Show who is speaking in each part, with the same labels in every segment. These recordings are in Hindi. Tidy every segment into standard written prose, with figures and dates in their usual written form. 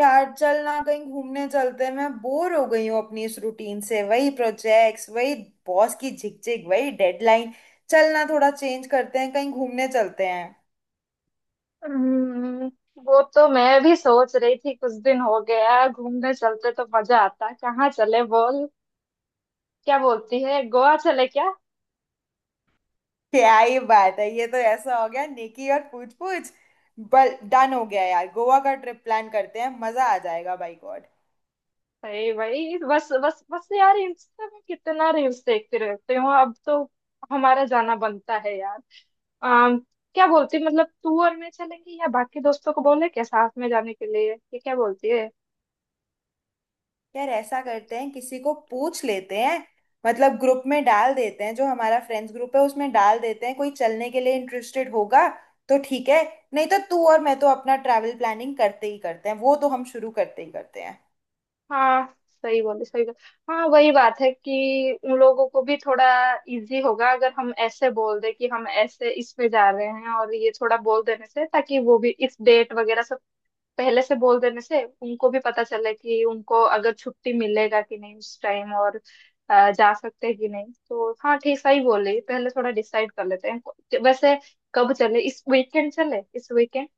Speaker 1: यार, चल ना कहीं घूमने चलते हैं। मैं बोर हो गई हूँ अपनी इस रूटीन से। वही प्रोजेक्ट्स, वही बॉस की झिकझिक, वही डेडलाइन। चल ना थोड़ा चेंज करते हैं, कहीं घूमने चलते हैं।
Speaker 2: हम्म, वो तो मैं भी सोच रही थी। कुछ दिन हो गया है, घूमने चलते तो मजा आता। कहाँ चले बोल? क्या बोलती है, गोवा चले क्या?
Speaker 1: क्या ही बात है, ये तो ऐसा हो गया नेकी और पूछ पूछ। बल डन हो गया यार, गोवा का ट्रिप प्लान करते हैं, मजा आ जाएगा बाई गॉड।
Speaker 2: अरे भाई बस बस बस यार, इंस्टा में कितना रील्स देखती रहती हूँ, अब तो हमारा जाना बनता है यार। अम, क्या बोलती, मतलब तू और मैं चलेंगे या बाकी दोस्तों को बोले क्या साथ में जाने के लिए, ये क्या बोलती है?
Speaker 1: यार ऐसा करते हैं, किसी को पूछ लेते हैं, मतलब ग्रुप में डाल देते हैं, जो हमारा फ्रेंड्स ग्रुप है उसमें डाल देते हैं। कोई चलने के लिए इंटरेस्टेड होगा तो ठीक है, नहीं तो तू और मैं तो अपना ट्रैवल प्लानिंग करते ही करते हैं, वो तो हम शुरू करते ही करते हैं।
Speaker 2: हाँ, सही बोले सही बोले। हाँ, वही बात है कि उन लोगों को भी थोड़ा इजी होगा अगर हम ऐसे बोल दे कि हम ऐसे इसमें जा रहे हैं, और ये थोड़ा बोल देने से ताकि वो भी इस डेट वगैरह सब पहले से बोल देने से उनको भी पता चले कि उनको अगर छुट्टी मिलेगा कि नहीं उस टाइम, और जा सकते हैं कि नहीं। तो हाँ, ठीक, सही बोले, पहले थोड़ा डिसाइड कर लेते हैं। वैसे कब चले, इस वीकेंड चले इस वीकेंड?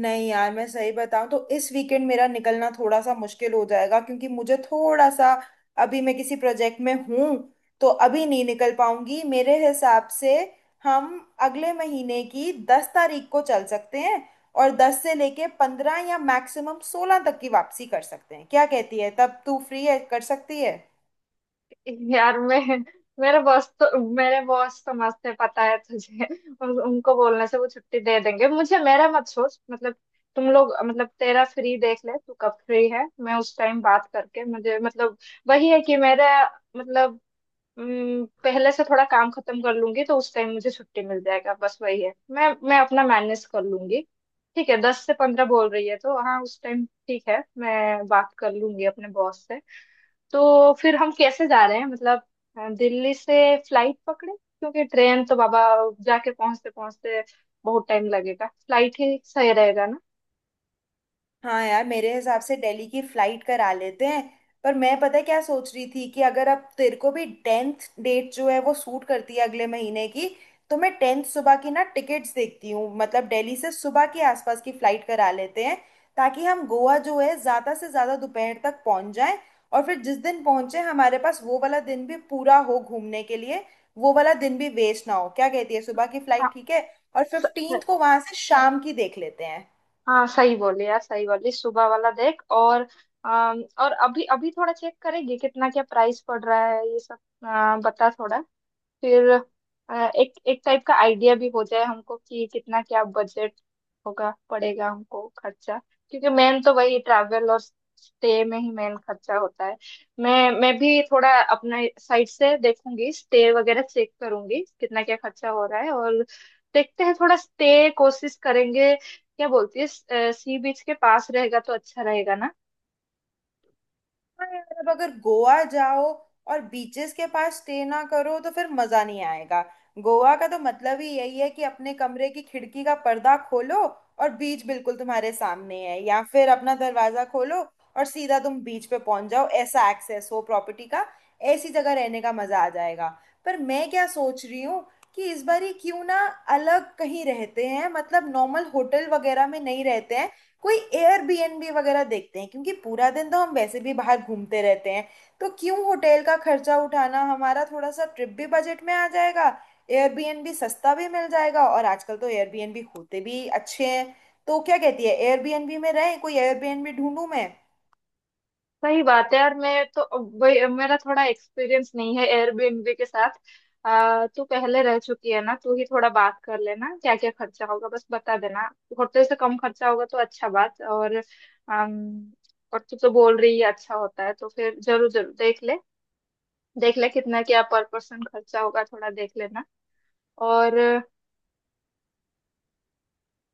Speaker 1: नहीं यार, मैं सही बताऊं तो इस वीकेंड मेरा निकलना थोड़ा सा मुश्किल हो जाएगा, क्योंकि मुझे थोड़ा सा, अभी मैं किसी प्रोजेक्ट में हूं, तो अभी नहीं निकल पाऊंगी मेरे हिसाब से। हम अगले महीने की 10 तारीख को चल सकते हैं, और 10 से लेके 15 या मैक्सिमम 16 तक की वापसी कर सकते हैं। क्या कहती है, तब तू फ्री है, कर सकती है?
Speaker 2: यार मैं, मेरे बॉस तो मस्त है, पता है तुझे, उनको बोलने से वो छुट्टी दे देंगे मुझे। मेरा मत सोच, मतलब तुम लोग, मतलब तेरा फ्री देख ले, तू कब फ्री है। मैं उस टाइम बात करके, मुझे मतलब वही है कि मेरा मतलब पहले से थोड़ा काम खत्म कर लूंगी तो उस टाइम मुझे छुट्टी मिल जाएगा। बस वही है, मैं अपना मैनेज कर लूंगी। ठीक है, 10 से 15 बोल रही है तो हाँ, उस टाइम ठीक है, मैं बात कर लूंगी अपने बॉस से। तो फिर हम कैसे जा रहे हैं मतलब, दिल्ली से फ्लाइट पकड़े, क्योंकि ट्रेन तो बाबा, जाके पहुंचते पहुंचते बहुत टाइम लगेगा, फ्लाइट ही सही रहेगा ना।
Speaker 1: हाँ यार, मेरे हिसाब से दिल्ली की फ्लाइट करा लेते हैं। पर मैं पता है क्या सोच रही थी, कि अगर अब तेरे को भी 10th डेट जो है वो सूट करती है अगले महीने की, तो मैं 10th सुबह की ना टिकट्स देखती हूँ, मतलब दिल्ली से सुबह के आसपास की फ्लाइट करा लेते हैं, ताकि हम गोवा जो है ज़्यादा से ज़्यादा दोपहर तक पहुँच जाएं। और फिर जिस दिन पहुँचे हमारे पास वो वाला दिन भी पूरा हो घूमने के लिए, वो वाला दिन भी वेस्ट ना हो। क्या कहती है, सुबह की फ्लाइट ठीक है? और 15th
Speaker 2: हाँ
Speaker 1: को वहां से शाम की देख लेते हैं।
Speaker 2: हाँ, सही बोले यार, सही बोले, सुबह वाला देख। और और अभी अभी थोड़ा चेक करेगी कितना क्या प्राइस पड़ रहा है ये सब, बता थोड़ा, फिर अ, एक एक टाइप का आइडिया भी हो जाए हमको कि कितना क्या बजट होगा, पड़ेगा हमको खर्चा। क्योंकि मेन तो वही ट्रैवल और स्टे में ही मेन खर्चा होता है। मैं भी थोड़ा अपने साइड से देखूंगी, स्टे वगैरह चेक करूंगी कितना क्या खर्चा हो रहा है। और देखते हैं थोड़ा स्टे कोशिश करेंगे, क्या बोलती है, सी बीच के पास रहेगा तो अच्छा रहेगा ना?
Speaker 1: हाँ यार, अब अगर गोवा जाओ और बीचेस के पास स्टे ना करो तो फिर मजा नहीं आएगा। गोवा का तो मतलब ही यही है कि अपने कमरे की खिड़की का पर्दा खोलो और बीच बिल्कुल तुम्हारे सामने है, या फिर अपना दरवाजा खोलो और सीधा तुम बीच पे पहुंच जाओ, ऐसा एक्सेस हो प्रॉपर्टी का। ऐसी जगह रहने का मजा आ जाएगा। पर मैं क्या सोच रही हूँ, कि इस बार ही क्यों ना अलग कहीं रहते हैं, मतलब नॉर्मल होटल वगैरह में नहीं रहते हैं, कोई एयरबीएनबी वगैरह देखते हैं। क्योंकि पूरा दिन तो हम वैसे भी बाहर घूमते रहते हैं, तो क्यों होटल का खर्चा उठाना। हमारा थोड़ा सा ट्रिप भी बजट में आ जाएगा, एयरबीएनबी सस्ता भी मिल जाएगा, और आजकल तो एयरबीएनबी होते भी अच्छे हैं। तो क्या कहती है, एयरबीएनबी में रहें? कोई एयरबीएनबी ढूंढूं मैं?
Speaker 2: सही बात है यार। मैं तो मेरा थोड़ा एक्सपीरियंस नहीं है एयरबीएनबी के साथ। तू पहले रह चुकी है ना, तू ही थोड़ा बात कर लेना, क्या क्या खर्चा होगा बस बता देना। होटल से कम खर्चा होगा तो अच्छा बात। और और तू तो बोल रही है अच्छा होता है, तो फिर जरूर जरूर देख ले, देख ले कितना क्या पर पर्सन खर्चा होगा, थोड़ा देख लेना और।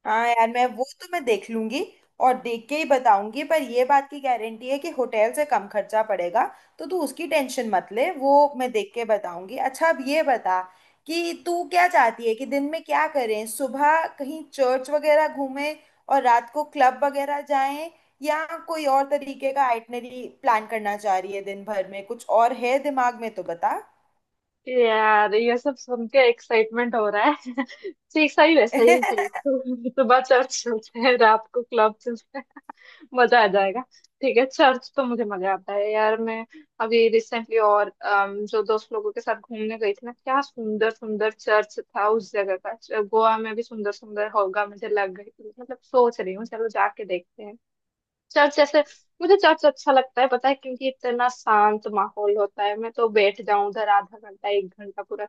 Speaker 1: हाँ यार, मैं वो तो मैं देख लूंगी, और देख के ही बताऊंगी, पर ये बात की गारंटी है कि होटल से कम खर्चा पड़ेगा। तो तू उसकी टेंशन मत ले, वो मैं देख के बताऊंगी। अच्छा अब ये बता कि तू क्या चाहती है, कि दिन में क्या करें, सुबह कहीं चर्च वगैरह घूमें और रात को क्लब वगैरह जाएं, या कोई और तरीके का आइटनरी प्लान करना चाह रही है, दिन भर में कुछ और है दिमाग में तो बता।
Speaker 2: यार ये सब सुन के एक्साइटमेंट हो रहा है। ठीक, सही है सही है सही है। सुबह चर्च चलते हैं, रात को क्लब, मजा आ जाएगा। ठीक है, चर्च तो मुझे मजा आता है यार। मैं अभी रिसेंटली और जो दोस्त लोगों के साथ घूमने गई थी ना, क्या सुंदर सुंदर चर्च था उस जगह का, गोवा में भी सुंदर सुंदर होगा, मुझे लग गई, मतलब सोच रही हूँ चलो जाके देखते हैं चर्च जैसे। मुझे चर्च अच्छा लगता है पता है, क्योंकि इतना शांत माहौल होता है, मैं तो बैठ जाऊं उधर आधा घंटा 1 घंटा पूरा।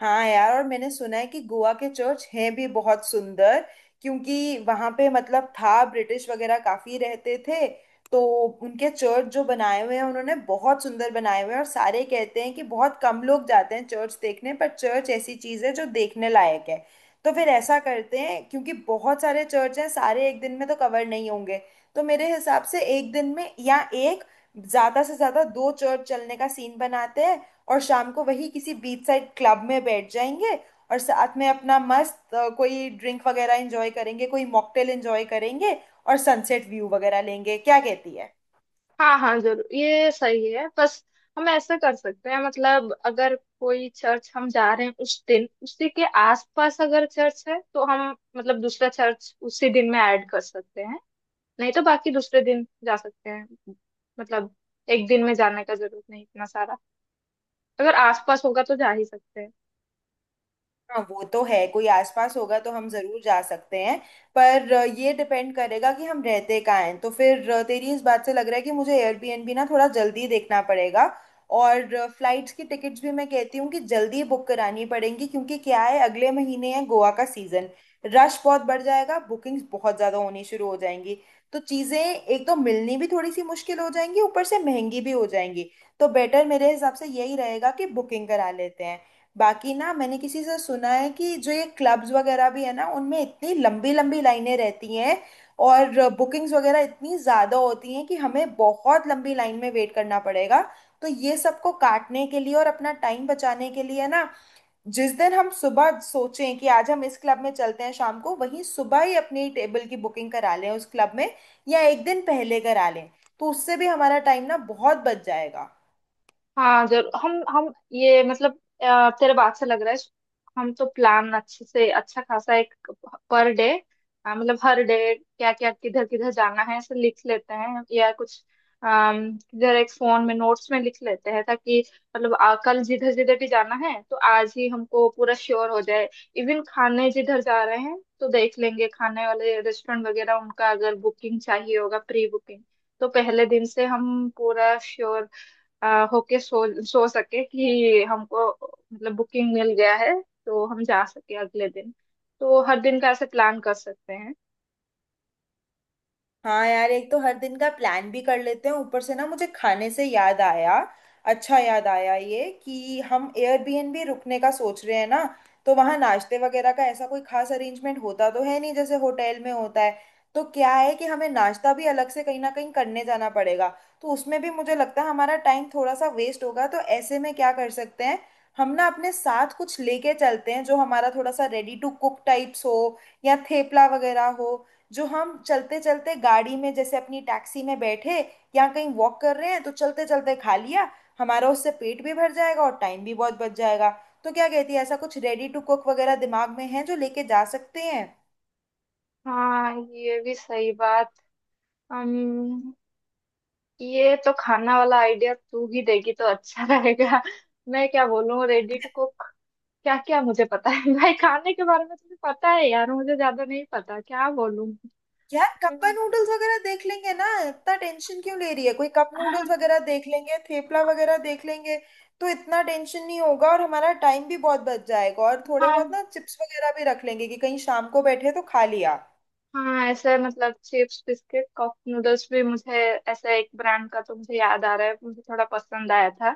Speaker 1: हाँ यार, और मैंने सुना है कि गोवा के चर्च हैं भी बहुत सुंदर, क्योंकि वहां पे मतलब था ब्रिटिश वगैरह काफी रहते थे, तो उनके चर्च जो बनाए हुए हैं उन्होंने बहुत सुंदर बनाए हुए हैं। और सारे कहते हैं कि बहुत कम लोग जाते हैं चर्च देखने, पर चर्च ऐसी चीज है जो देखने लायक है। तो फिर ऐसा करते हैं, क्योंकि बहुत सारे चर्च हैं सारे एक दिन में तो कवर नहीं होंगे, तो मेरे हिसाब से एक दिन में या एक ज्यादा से ज्यादा दो चर्च चलने का सीन बनाते हैं। और शाम को वही किसी बीच साइड क्लब में बैठ जाएंगे, और साथ में अपना मस्त कोई ड्रिंक वगैरह एंजॉय करेंगे, कोई मॉकटेल एंजॉय करेंगे, और सनसेट व्यू वगैरह लेंगे। क्या कहती है?
Speaker 2: हाँ हाँ जरूर, ये सही है। बस हम ऐसे कर सकते हैं, मतलब अगर कोई चर्च हम जा रहे हैं उस दिन उसी के आसपास अगर चर्च है, तो हम मतलब दूसरा चर्च उसी दिन में ऐड कर सकते हैं। नहीं तो बाकी दूसरे दिन जा सकते हैं। मतलब एक दिन में जाने का जरूरत नहीं इतना सारा, अगर आसपास होगा तो जा ही सकते हैं।
Speaker 1: हाँ वो तो है, कोई आसपास होगा तो हम जरूर जा सकते हैं। पर ये डिपेंड करेगा कि हम रहते कहाँ हैं, तो फिर तेरी इस बात से लग रहा है कि मुझे एयरबीएनबी ना थोड़ा जल्दी देखना पड़ेगा। और फ्लाइट्स की टिकट्स भी मैं कहती हूँ कि जल्दी बुक करानी पड़ेंगी, क्योंकि क्या है अगले महीने है गोवा का सीजन, रश बहुत बढ़ जाएगा, बुकिंग्स बहुत ज़्यादा होनी शुरू हो जाएंगी। तो चीज़ें एक तो मिलनी भी थोड़ी सी मुश्किल हो जाएंगी, ऊपर से महंगी भी हो जाएंगी। तो बेटर मेरे हिसाब से यही रहेगा कि बुकिंग करा लेते हैं। बाकी ना मैंने किसी से सुना है कि जो ये क्लब्स वगैरह भी है ना, उनमें इतनी लंबी लंबी लाइनें रहती हैं, और बुकिंग्स वगैरह इतनी ज़्यादा होती हैं कि हमें बहुत लंबी लाइन में वेट करना पड़ेगा। तो ये सबको काटने के लिए और अपना टाइम बचाने के लिए ना, जिस दिन हम सुबह सोचें कि आज हम इस क्लब में चलते हैं शाम को, वहीं सुबह ही अपनी टेबल की बुकिंग करा लें उस क्लब में, या एक दिन पहले करा लें, तो उससे भी हमारा टाइम ना बहुत बच जाएगा।
Speaker 2: हाँ जरूर। हम ये मतलब, तेरे बात से लग रहा है हम तो प्लान अच्छे से अच्छा खासा एक पर डे, मतलब हर डे क्या क्या किधर किधर जाना है ऐसे लिख लेते हैं या कुछ, किधर एक फोन में नोट्स में लिख लेते हैं। ताकि मतलब कल जिधर जिधर भी जाना है तो आज ही हमको पूरा श्योर हो जाए। इवन खाने जिधर जा रहे हैं तो देख लेंगे, खाने वाले रेस्टोरेंट वगैरह उनका अगर बुकिंग चाहिए होगा, प्री बुकिंग, तो पहले दिन से हम पूरा श्योर होके सो सके कि हमको मतलब बुकिंग मिल गया है, तो हम जा सके अगले दिन। तो हर दिन का ऐसे प्लान कर सकते हैं।
Speaker 1: हाँ यार, एक तो हर दिन का प्लान भी कर लेते हैं, ऊपर से ना मुझे खाने से याद आया। अच्छा याद आया ये कि हम एयरबीएनबी रुकने का सोच रहे हैं ना, तो वहाँ नाश्ते वगैरह का ऐसा कोई खास अरेंजमेंट होता तो है नहीं जैसे होटल में होता है। तो क्या है कि हमें नाश्ता भी अलग से कहीं ना कहीं करने जाना पड़ेगा, तो उसमें भी मुझे लगता है हमारा टाइम थोड़ा सा वेस्ट होगा। तो ऐसे में क्या कर सकते हैं, हम ना अपने साथ कुछ लेके चलते हैं जो हमारा थोड़ा सा रेडी टू कुक टाइप्स हो, या थेपला वगैरह हो, जो हम चलते चलते गाड़ी में जैसे अपनी टैक्सी में बैठे, या कहीं वॉक कर रहे हैं तो चलते चलते खा लिया। हमारा उससे पेट भी भर जाएगा और टाइम भी बहुत बच जाएगा। तो क्या कहती है, ऐसा कुछ रेडी टू कुक वगैरह दिमाग में है जो लेके जा सकते हैं?
Speaker 2: हाँ ये भी सही बात। हम, ये तो खाना वाला आइडिया तू ही देगी तो अच्छा रहेगा। मैं क्या बोलूँ रेडिट को, क्या क्या मुझे पता है भाई खाने के बारे में तुझे पता है यार, मुझे ज्यादा नहीं पता, क्या बोलूँ।
Speaker 1: यार कप नूडल्स वगैरह देख लेंगे ना, इतना टेंशन क्यों ले रही है? कोई कप नूडल्स वगैरह देख लेंगे, थेपला वगैरह देख लेंगे, तो इतना टेंशन नहीं होगा और हमारा टाइम भी बहुत बच जाएगा। और
Speaker 2: हाँ
Speaker 1: थोड़े बहुत
Speaker 2: हाँ।
Speaker 1: ना चिप्स वगैरह भी रख लेंगे कि कहीं शाम को बैठे तो खा लिया।
Speaker 2: हाँ ऐसा है, मतलब चिप्स बिस्किट कप नूडल्स भी, मुझे ऐसा एक ब्रांड का तो मुझे याद आ रहा है, मुझे थोड़ा पसंद आया था,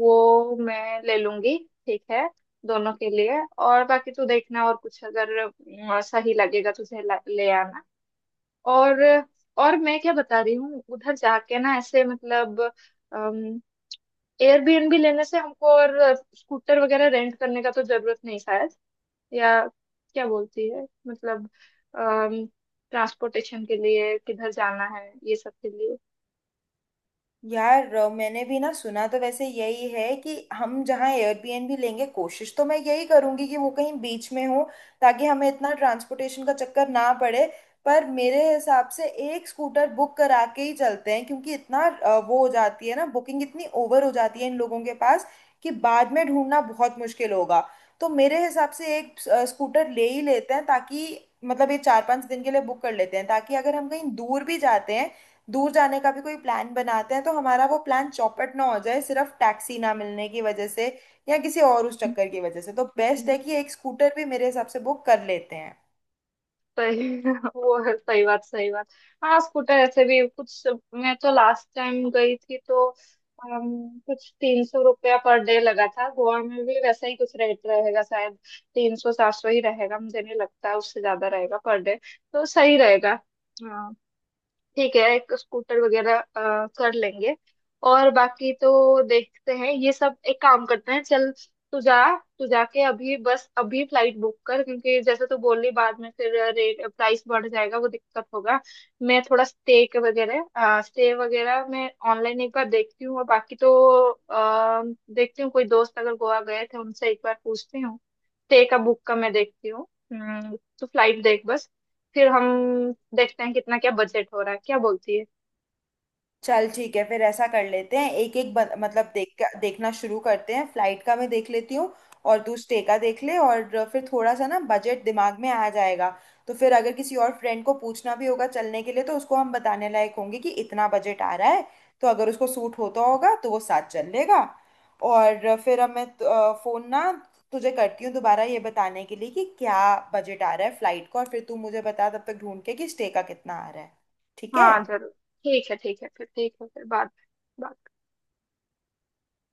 Speaker 2: वो मैं ले लूंगी, ठीक है, दोनों के लिए। और बाकी तू देखना, और कुछ अगर सही लगेगा तुझे ले आना। और और मैं क्या बता रही हूँ उधर जाके ना, ऐसे मतलब एयरबीएनबी लेने से हमको और स्कूटर वगैरह रेंट करने का तो जरूरत नहीं शायद, या क्या बोलती है, मतलब ट्रांसपोर्टेशन के लिए किधर जाना है ये सब के लिए?
Speaker 1: यार मैंने भी ना सुना तो वैसे यही है कि हम जहाँ एयरबीएनबी लेंगे कोशिश तो मैं यही करूंगी कि वो कहीं बीच में हो, ताकि हमें इतना ट्रांसपोर्टेशन का चक्कर ना पड़े। पर मेरे हिसाब से एक स्कूटर बुक करा के ही चलते हैं, क्योंकि इतना वो हो जाती है ना बुकिंग, इतनी ओवर हो जाती है इन लोगों के पास कि बाद में ढूंढना बहुत मुश्किल होगा। तो मेरे हिसाब से एक स्कूटर ले ही लेते हैं, ताकि मतलब ये 4-5 दिन के लिए बुक कर लेते हैं, ताकि अगर हम कहीं दूर भी जाते हैं, दूर जाने का भी कोई प्लान बनाते हैं, तो हमारा वो प्लान चौपट ना हो जाए सिर्फ टैक्सी ना मिलने की वजह से, या किसी और उस चक्कर की वजह से। तो बेस्ट है कि एक स्कूटर भी मेरे हिसाब से बुक कर लेते हैं।
Speaker 2: सही वो है, सही बात सही बात। हाँ स्कूटर ऐसे भी कुछ, मैं तो लास्ट टाइम गई थी तो कुछ 300 रुपया पर डे लगा था। गोवा में भी वैसा ही कुछ रेट रहेगा शायद, 300, 700 ही रहेगा, मुझे नहीं लगता उससे ज्यादा रहेगा पर डे, तो सही रहेगा। हाँ ठीक है, एक स्कूटर वगैरह कर लेंगे। और बाकी तो देखते हैं ये सब, एक काम करते हैं चल, तू जा, तू जाके अभी बस अभी फ्लाइट बुक कर, क्योंकि जैसे तू बोल रही बाद में फिर रेट प्राइस बढ़ जाएगा, वो दिक्कत होगा। मैं थोड़ा स्टे के वगैरह स्टे वगैरह मैं ऑनलाइन एक बार देखती हूँ, और बाकी तो आ, देखती हूँ कोई दोस्त अगर गोवा गए थे उनसे एक बार पूछती हूँ, स्टे का बुक का मैं देखती हूँ। तू फ्लाइट देख बस, फिर हम देखते हैं कितना क्या बजट हो रहा है, क्या बोलती है?
Speaker 1: चल ठीक है, फिर ऐसा कर लेते हैं, एक एक मतलब देख देखना शुरू करते हैं। फ्लाइट का मैं देख लेती हूँ, और तू स्टे का देख ले, और फिर थोड़ा सा ना बजट दिमाग में आ जाएगा। तो फिर अगर किसी और फ्रेंड को पूछना भी होगा चलने के लिए, तो उसको हम बताने लायक होंगे कि इतना बजट आ रहा है, तो अगर उसको सूट होता होगा तो वो साथ चल लेगा। और फिर अब मैं फ़ोन ना तुझे करती हूँ दोबारा, ये बताने के लिए कि क्या बजट आ रहा है फ्लाइट का, और फिर तू मुझे बता तब तक ढूंढ के कि स्टे का कितना आ रहा है। ठीक
Speaker 2: हाँ
Speaker 1: है?
Speaker 2: जरूर, ठीक है ठीक है, फिर ठीक है, फिर बात।